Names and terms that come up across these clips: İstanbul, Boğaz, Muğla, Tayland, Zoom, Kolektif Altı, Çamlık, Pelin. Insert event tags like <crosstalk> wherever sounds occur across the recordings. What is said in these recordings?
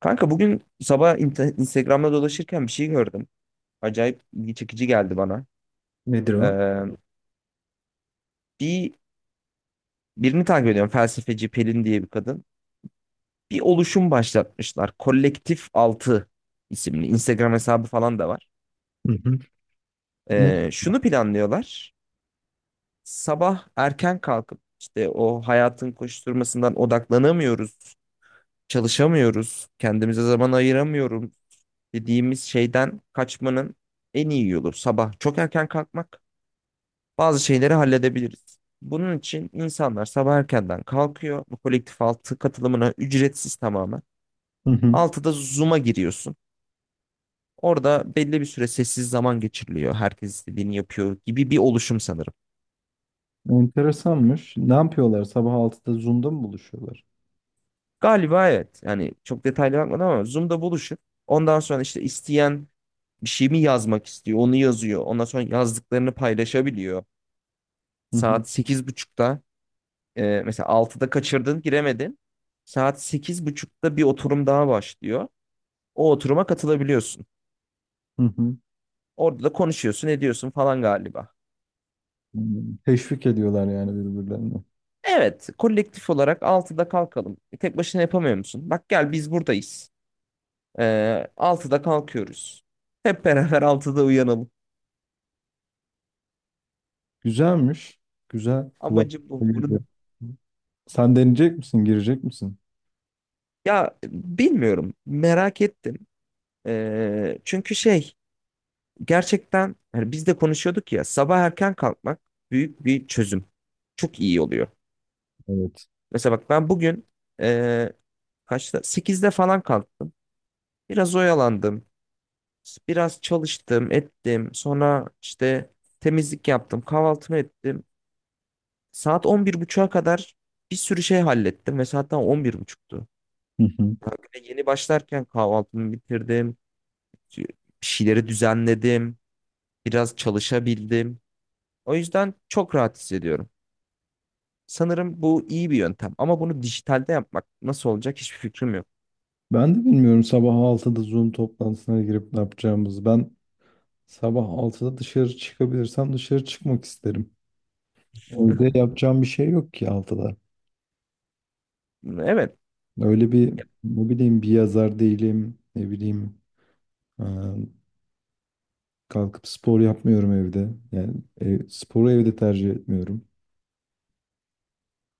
Kanka bugün sabah Instagram'da dolaşırken bir şey gördüm. Acayip ilgi çekici geldi bana. Nedir o? Ee, bir Birini takip ediyorum. Felsefeci Pelin diye bir kadın. Bir oluşum başlatmışlar. Kolektif Altı isimli. Instagram hesabı falan da var. Hı hı. Ne? Şunu planlıyorlar. Sabah erken kalkıp işte o hayatın koşturmasından odaklanamıyoruz, çalışamıyoruz, kendimize zaman ayıramıyoruz dediğimiz şeyden kaçmanın en iyi yolu sabah çok erken kalkmak. Bazı şeyleri halledebiliriz. Bunun için insanlar sabah erkenden kalkıyor. Bu kolektif altı katılımına ücretsiz tamamen. Hı hı. Altıda Zoom'a giriyorsun. Orada belli bir süre sessiz zaman geçiriliyor. Herkes istediğini yapıyor gibi bir oluşum sanırım. Enteresanmış. Ne yapıyorlar? Sabah altıda Zoom'da mı buluşuyorlar? Galiba evet. Yani çok detaylı bakmadım ama Zoom'da buluşup ondan sonra işte isteyen bir şey mi yazmak istiyor onu yazıyor. Ondan sonra yazdıklarını paylaşabiliyor. Hı hı. Saat 8:30'da mesela altıda kaçırdın giremedin. Saat sekiz buçukta bir oturum daha başlıyor. O oturuma katılabiliyorsun. Hı hı. Orada da konuşuyorsun, ediyorsun falan galiba. Hmm. Teşvik ediyorlar yani birbirlerini. Evet, kolektif olarak altıda kalkalım. E, tek başına yapamıyor musun? Bak gel biz buradayız. Ee, 6'da kalkıyoruz. Hep beraber altıda uyanalım. Güzelmiş. Güzel. Kulak. Amacım bu. Bunu. Sen deneyecek misin? Girecek misin? Ya bilmiyorum. Merak ettim. Çünkü gerçekten hani biz de konuşuyorduk ya sabah erken kalkmak büyük bir çözüm. Çok iyi oluyor. Evet. Mesela bak ben bugün ee, kaçta? Sekizde falan kalktım. Biraz oyalandım. Biraz çalıştım, ettim. Sonra işte temizlik yaptım, kahvaltımı ettim. Saat 11:30'a kadar bir sürü şey hallettim ve saat daha on bir buçuktu. Hı hı. Yani bir de yeni başlarken kahvaltımı bitirdim. Bir şeyleri düzenledim. Biraz çalışabildim. O yüzden çok rahat hissediyorum. Sanırım bu iyi bir yöntem ama bunu dijitalde yapmak nasıl olacak hiçbir fikrim yok. Ben de bilmiyorum sabah altıda Zoom toplantısına girip ne yapacağımızı. Ben sabah altıda dışarı çıkabilirsem dışarı çıkmak isterim. Evde yapacağım bir şey yok ki altıda. Evet. Öyle bir ne bileyim bir yazar değilim. Ne bileyim e, kalkıp spor yapmıyorum evde. Yani sporu evde tercih etmiyorum.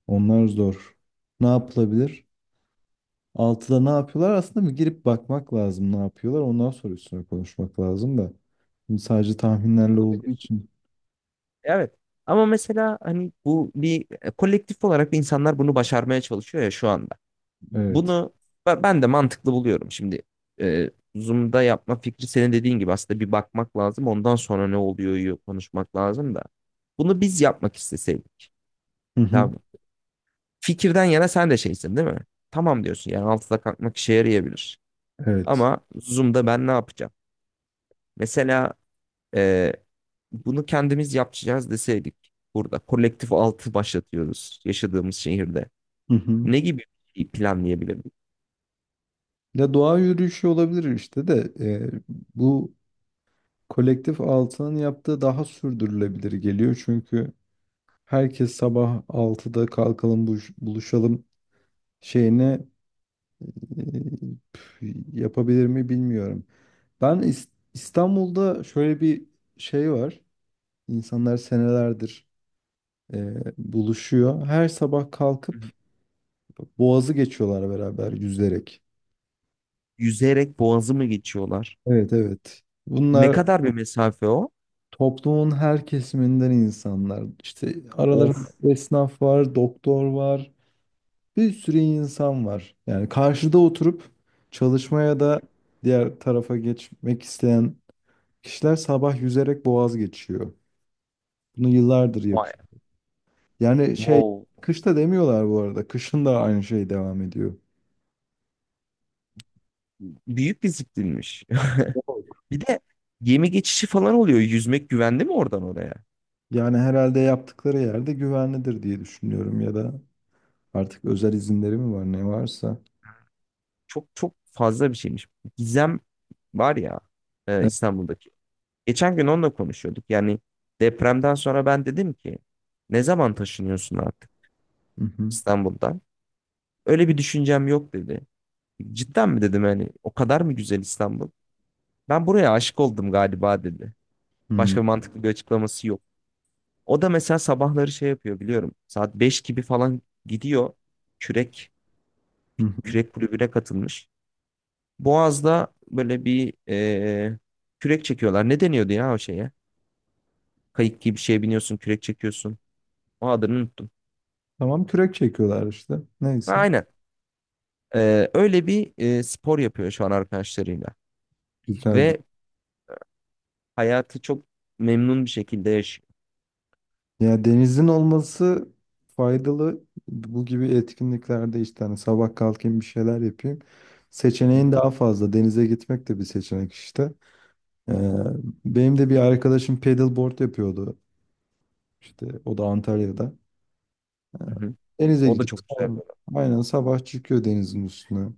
Onlar zor. Ne yapılabilir? Altıda ne yapıyorlar? Aslında bir girip bakmak lazım ne yapıyorlar. Ondan sonra üstüne konuşmak lazım da. Şimdi sadece tahminlerle olduğu Olabilir. için. Evet. Ama mesela hani bu bir kolektif olarak insanlar bunu başarmaya çalışıyor ya şu anda. Evet. Bunu ben de mantıklı buluyorum. Şimdi e, Zoom'da yapma fikri senin dediğin gibi aslında bir bakmak lazım. Ondan sonra ne oluyor konuşmak lazım da. Bunu biz yapmak isteseydik. Hı hı. Tamam mı? Fikirden yana sen de şeysin değil mi? Tamam diyorsun yani altıda kalkmak işe yarayabilir. Evet. Ama Zoom'da ben ne yapacağım? Mesela e, bunu kendimiz yapacağız deseydik burada kolektif altı başlatıyoruz yaşadığımız şehirde. Hı hı. Ne gibi bir şey planlayabilirdik? Ya doğa yürüyüşü olabilir işte de bu kolektif altının yaptığı daha sürdürülebilir geliyor çünkü herkes sabah altıda kalkalım buluşalım şeyine e, yapabilir mi bilmiyorum. Ben İs- İstanbul'da şöyle bir şey var. İnsanlar senelerdir buluşuyor. Her sabah Hı kalkıp hı. Boğaz'ı geçiyorlar beraber yüzerek. Yüzerek boğazı mı geçiyorlar? Evet, evet. Ne Bunlar kadar bir mesafe o? toplumun her kesiminden insanlar. İşte aralarında Of. esnaf var, doktor var. Bir sürü insan var. Yani karşıda oturup çalışmaya da diğer tarafa geçmek isteyen kişiler sabah yüzerek boğaz geçiyor. Bunu yıllardır Vay. yapıyor. Yani şey, Wow. kışta demiyorlar bu arada. Kışın da aynı şey devam ediyor. Büyük bir ziplinmiş. <laughs> Bir de gemi geçişi falan oluyor. Yüzmek güvenli mi oradan oraya? Yani herhalde yaptıkları yerde güvenlidir diye düşünüyorum ya da artık özel izinleri mi var ne varsa. Çok çok fazla bir şeymiş. Gizem var ya, Evet. İstanbul'daki. Geçen gün onunla konuşuyorduk. Yani depremden sonra ben dedim ki ne zaman taşınıyorsun artık Hı hı. İstanbul'dan? Öyle bir düşüncem yok dedi. Cidden mi dedim, hani o kadar mı güzel İstanbul? Ben buraya aşık oldum galiba dedi. Hı hı. Başka mantıklı bir açıklaması yok. O da mesela sabahları şey yapıyor biliyorum. Saat 5 gibi falan gidiyor. Kürek Hı Bir hı. kürek kulübüne katılmış. Boğaz'da böyle bir kürek çekiyorlar. Ne deniyordu ya o şeye? Kayık gibi bir şeye biniyorsun, kürek çekiyorsun. O adını unuttum. Tamam, kürek çekiyorlar işte. Ha, Neyse. aynen. Öyle bir spor yapıyor şu an arkadaşlarıyla. Güzel, güzel. Ve hayatı çok memnun bir şekilde yaşıyor. Ya denizin olması faydalı. Bu gibi etkinliklerde işte hani sabah kalkayım bir şeyler yapayım. Seçeneğin daha fazla. Denize gitmek de bir seçenek işte. Ee, benim de bir arkadaşım paddleboard yapıyordu. İşte o da Antalya'da. Ee, Hı hı. denize O da gidip çok güzel. aynen sabah çıkıyor denizin üstüne.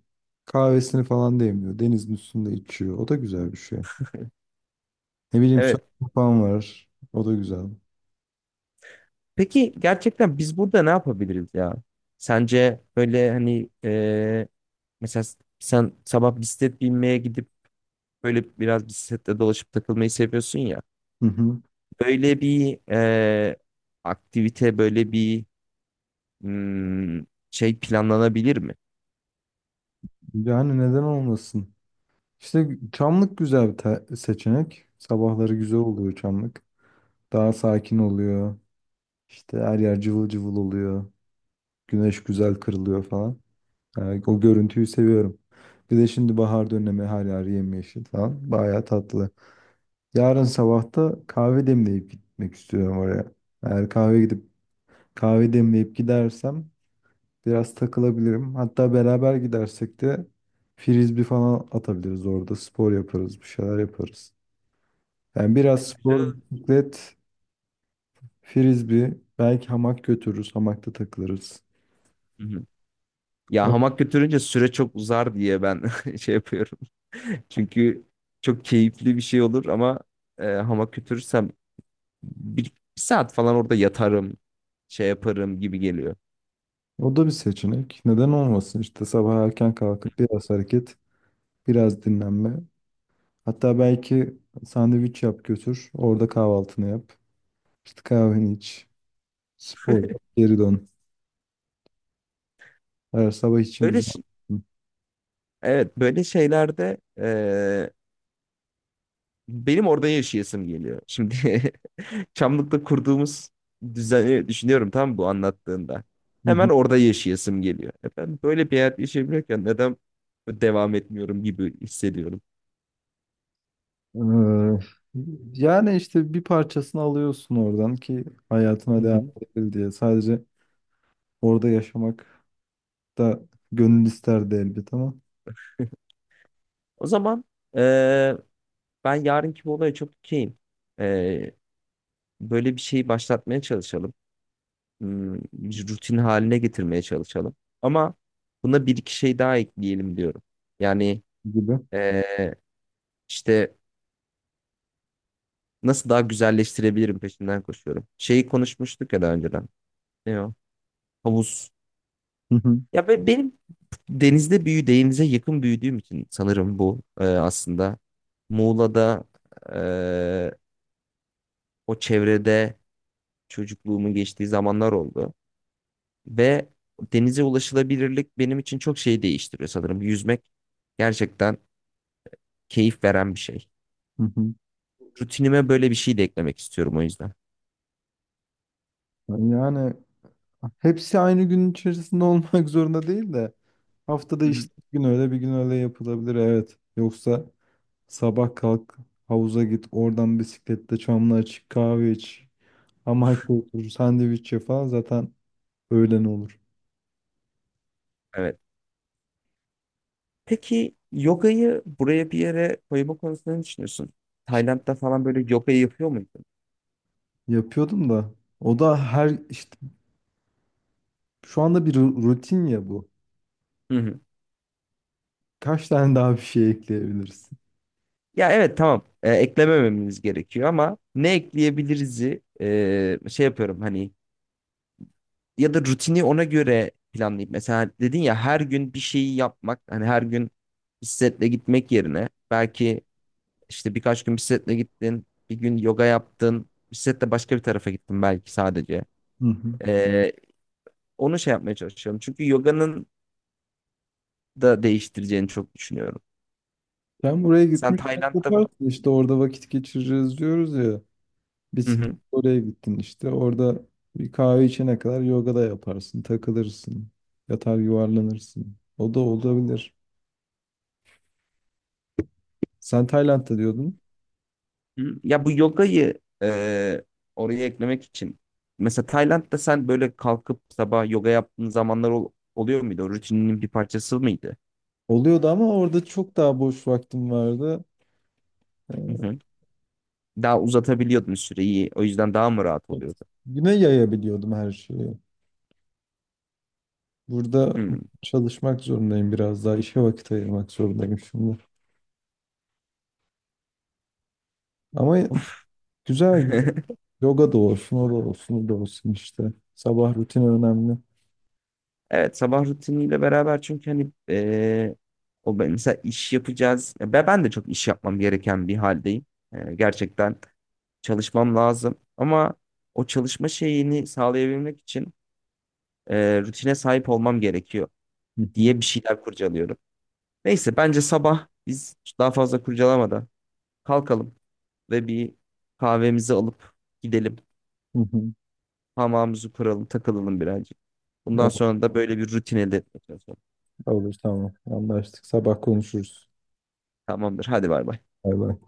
Kahvesini falan demliyor. Denizin üstünde içiyor. O da güzel bir şey. Ne bileyim surf Evet. falan var. O da güzel. Peki gerçekten biz burada ne yapabiliriz ya? Sence böyle hani mesela sen sabah bisiklet binmeye gidip böyle biraz bisikletle dolaşıp takılmayı seviyorsun ya. Hı hı. Böyle bir aktivite, böyle bir hmm, şey planlanabilir mi? Yani neden olmasın? İşte Çamlık güzel bir seçenek. Sabahları güzel oluyor Çamlık. Daha sakin oluyor. İşte her yer cıvıl cıvıl oluyor. Güneş güzel kırılıyor falan. Yani o görüntüyü seviyorum. Bir de şimdi bahar dönemi her yer yemyeşil falan. Bayağı tatlı. Yarın sabah da kahve demleyip gitmek istiyorum oraya. Eğer kahve gidip kahve demleyip gidersem biraz takılabilirim. Hatta beraber gidersek de frisbee falan atabiliriz orada. Spor yaparız, bir şeyler yaparız. Yani Evet, biraz spor, güzel. bisiklet, frisbee, belki hamak götürürüz, hamakta takılırız. Hı hı. Ya Evet, hamak götürünce süre çok uzar diye ben <laughs> şey yapıyorum. <laughs> Çünkü çok keyifli bir şey olur ama hamak götürürsem bir saat falan orada yatarım, şey yaparım gibi geliyor. o da bir seçenek. Neden olmasın? İşte sabah erken kalkıp biraz hareket, biraz dinlenme. Hatta belki sandviç yap götür, orada kahvaltını yap. İşte kahveni iç, spor yap, geri dön. Her sabah için Böyle güzel. ş- Hı evet, böyle şeylerde benim orada yaşayasım geliyor. Şimdi <laughs> Çamlık'ta kurduğumuz düzeni düşünüyorum tam bu anlattığında. Hemen hı. orada yaşayasım geliyor. E, ben böyle bir hayat yaşayabiliyorken neden devam etmiyorum gibi hissediyorum. Ee, yani işte bir parçasını alıyorsun oradan ki Hı hayatına devam hı. edebil diye. Sadece orada yaşamak da gönül isterdi elbet ama O zaman e, ben yarınki bu olaya çok okeyim. E, Böyle bir şeyi başlatmaya çalışalım. Bir rutin haline getirmeye çalışalım. Ama buna bir iki şey daha ekleyelim diyorum. Yani gibi. e, işte nasıl daha güzelleştirebilirim peşinden koşuyorum. Şeyi konuşmuştuk ya daha önceden. Ne o? Havuz. Hı hı, Ya benim denize yakın büyüdüğüm için sanırım bu aslında. Muğla'da, e, o çevrede çocukluğumun geçtiği zamanlar oldu. Ve denize ulaşılabilirlik benim için çok şey değiştiriyor sanırım. Yüzmek gerçekten keyif veren bir şey. hı hı. Rutinime böyle bir şey de eklemek istiyorum o yüzden. Yani hepsi aynı gün içerisinde <laughs> olmak zorunda değil de haftada Hı hı. işte bir gün öyle bir gün öyle yapılabilir, evet. Yoksa sabah kalk, havuza git, oradan bisiklette çamlığa çık, kahve iç. Ama otur <laughs> sandviç ye falan zaten öğlen olur. Evet. Peki yogayı buraya bir yere koyma konusunda ne düşünüyorsun? Tayland'da falan böyle yogayı yapıyor muydun? Yapıyordum da. O da her işte şu anda bir rutin ya bu. Hı hı. Kaç tane daha bir şey ekleyebilirsin? Ya evet tamam, eklemememiz gerekiyor ama ne ekleyebiliriz'i şey yapıyorum hani ya da rutini ona göre planlayıp mesela dedin ya her gün bir şeyi yapmak, hani her gün bisikletle gitmek yerine belki işte birkaç gün bisikletle gittin, bir gün yoga yaptın, bisikletle başka bir tarafa gittin belki sadece. Hı hı. E, Onu şey yapmaya çalışıyorum çünkü yoganın da değiştireceğini çok düşünüyorum. Sen buraya Sen gitmişken Tayland'da mı? yaparsın işte orada vakit geçireceğiz diyoruz ya. Hı Bisiklet hı. oraya gittin işte orada bir kahve içene kadar yoga da yaparsın, takılırsın, yatar yuvarlanırsın. O da olabilir. Sen Tayland'da diyordun. Hı. Ya bu yogayı oraya eklemek için mesela Tayland'da sen böyle kalkıp sabah yoga yaptığın zamanlar oluyor muydu? O rutininin bir parçası mıydı? Oluyordu ama orada çok daha boş vaktim vardı. Hı Ee, hı. Daha uzatabiliyordun süreyi. O yüzden daha mı rahat Evet. oluyordu? Güne yayabiliyordum her şeyi. Burada Hı. çalışmak zorundayım biraz daha. İşe vakit ayırmak zorundayım şimdi. Ama Of. güzel, güzel. <laughs> Yoga da olsun, o da olsun, o da olsun işte. Sabah rutini önemli. Evet, sabah rutiniyle beraber çünkü hani mesela iş yapacağız. Ya ben, de çok iş yapmam gereken bir haldeyim. E, gerçekten çalışmam lazım. Ama o çalışma şeyini sağlayabilmek için rutine sahip olmam gerekiyor Hı hı, diye bir şeyler kurcalıyorum. Neyse bence sabah biz daha fazla kurcalamadan kalkalım ve bir kahvemizi alıp gidelim. hı hı. Hamamımızı kuralım, takılalım birazcık. Bundan Olur, sonra da böyle bir rutine de çalışalım. olur, tamam. Anlaştık. Sabah konuşuruz. Tamamdır. Hadi bay bay. Bay bay.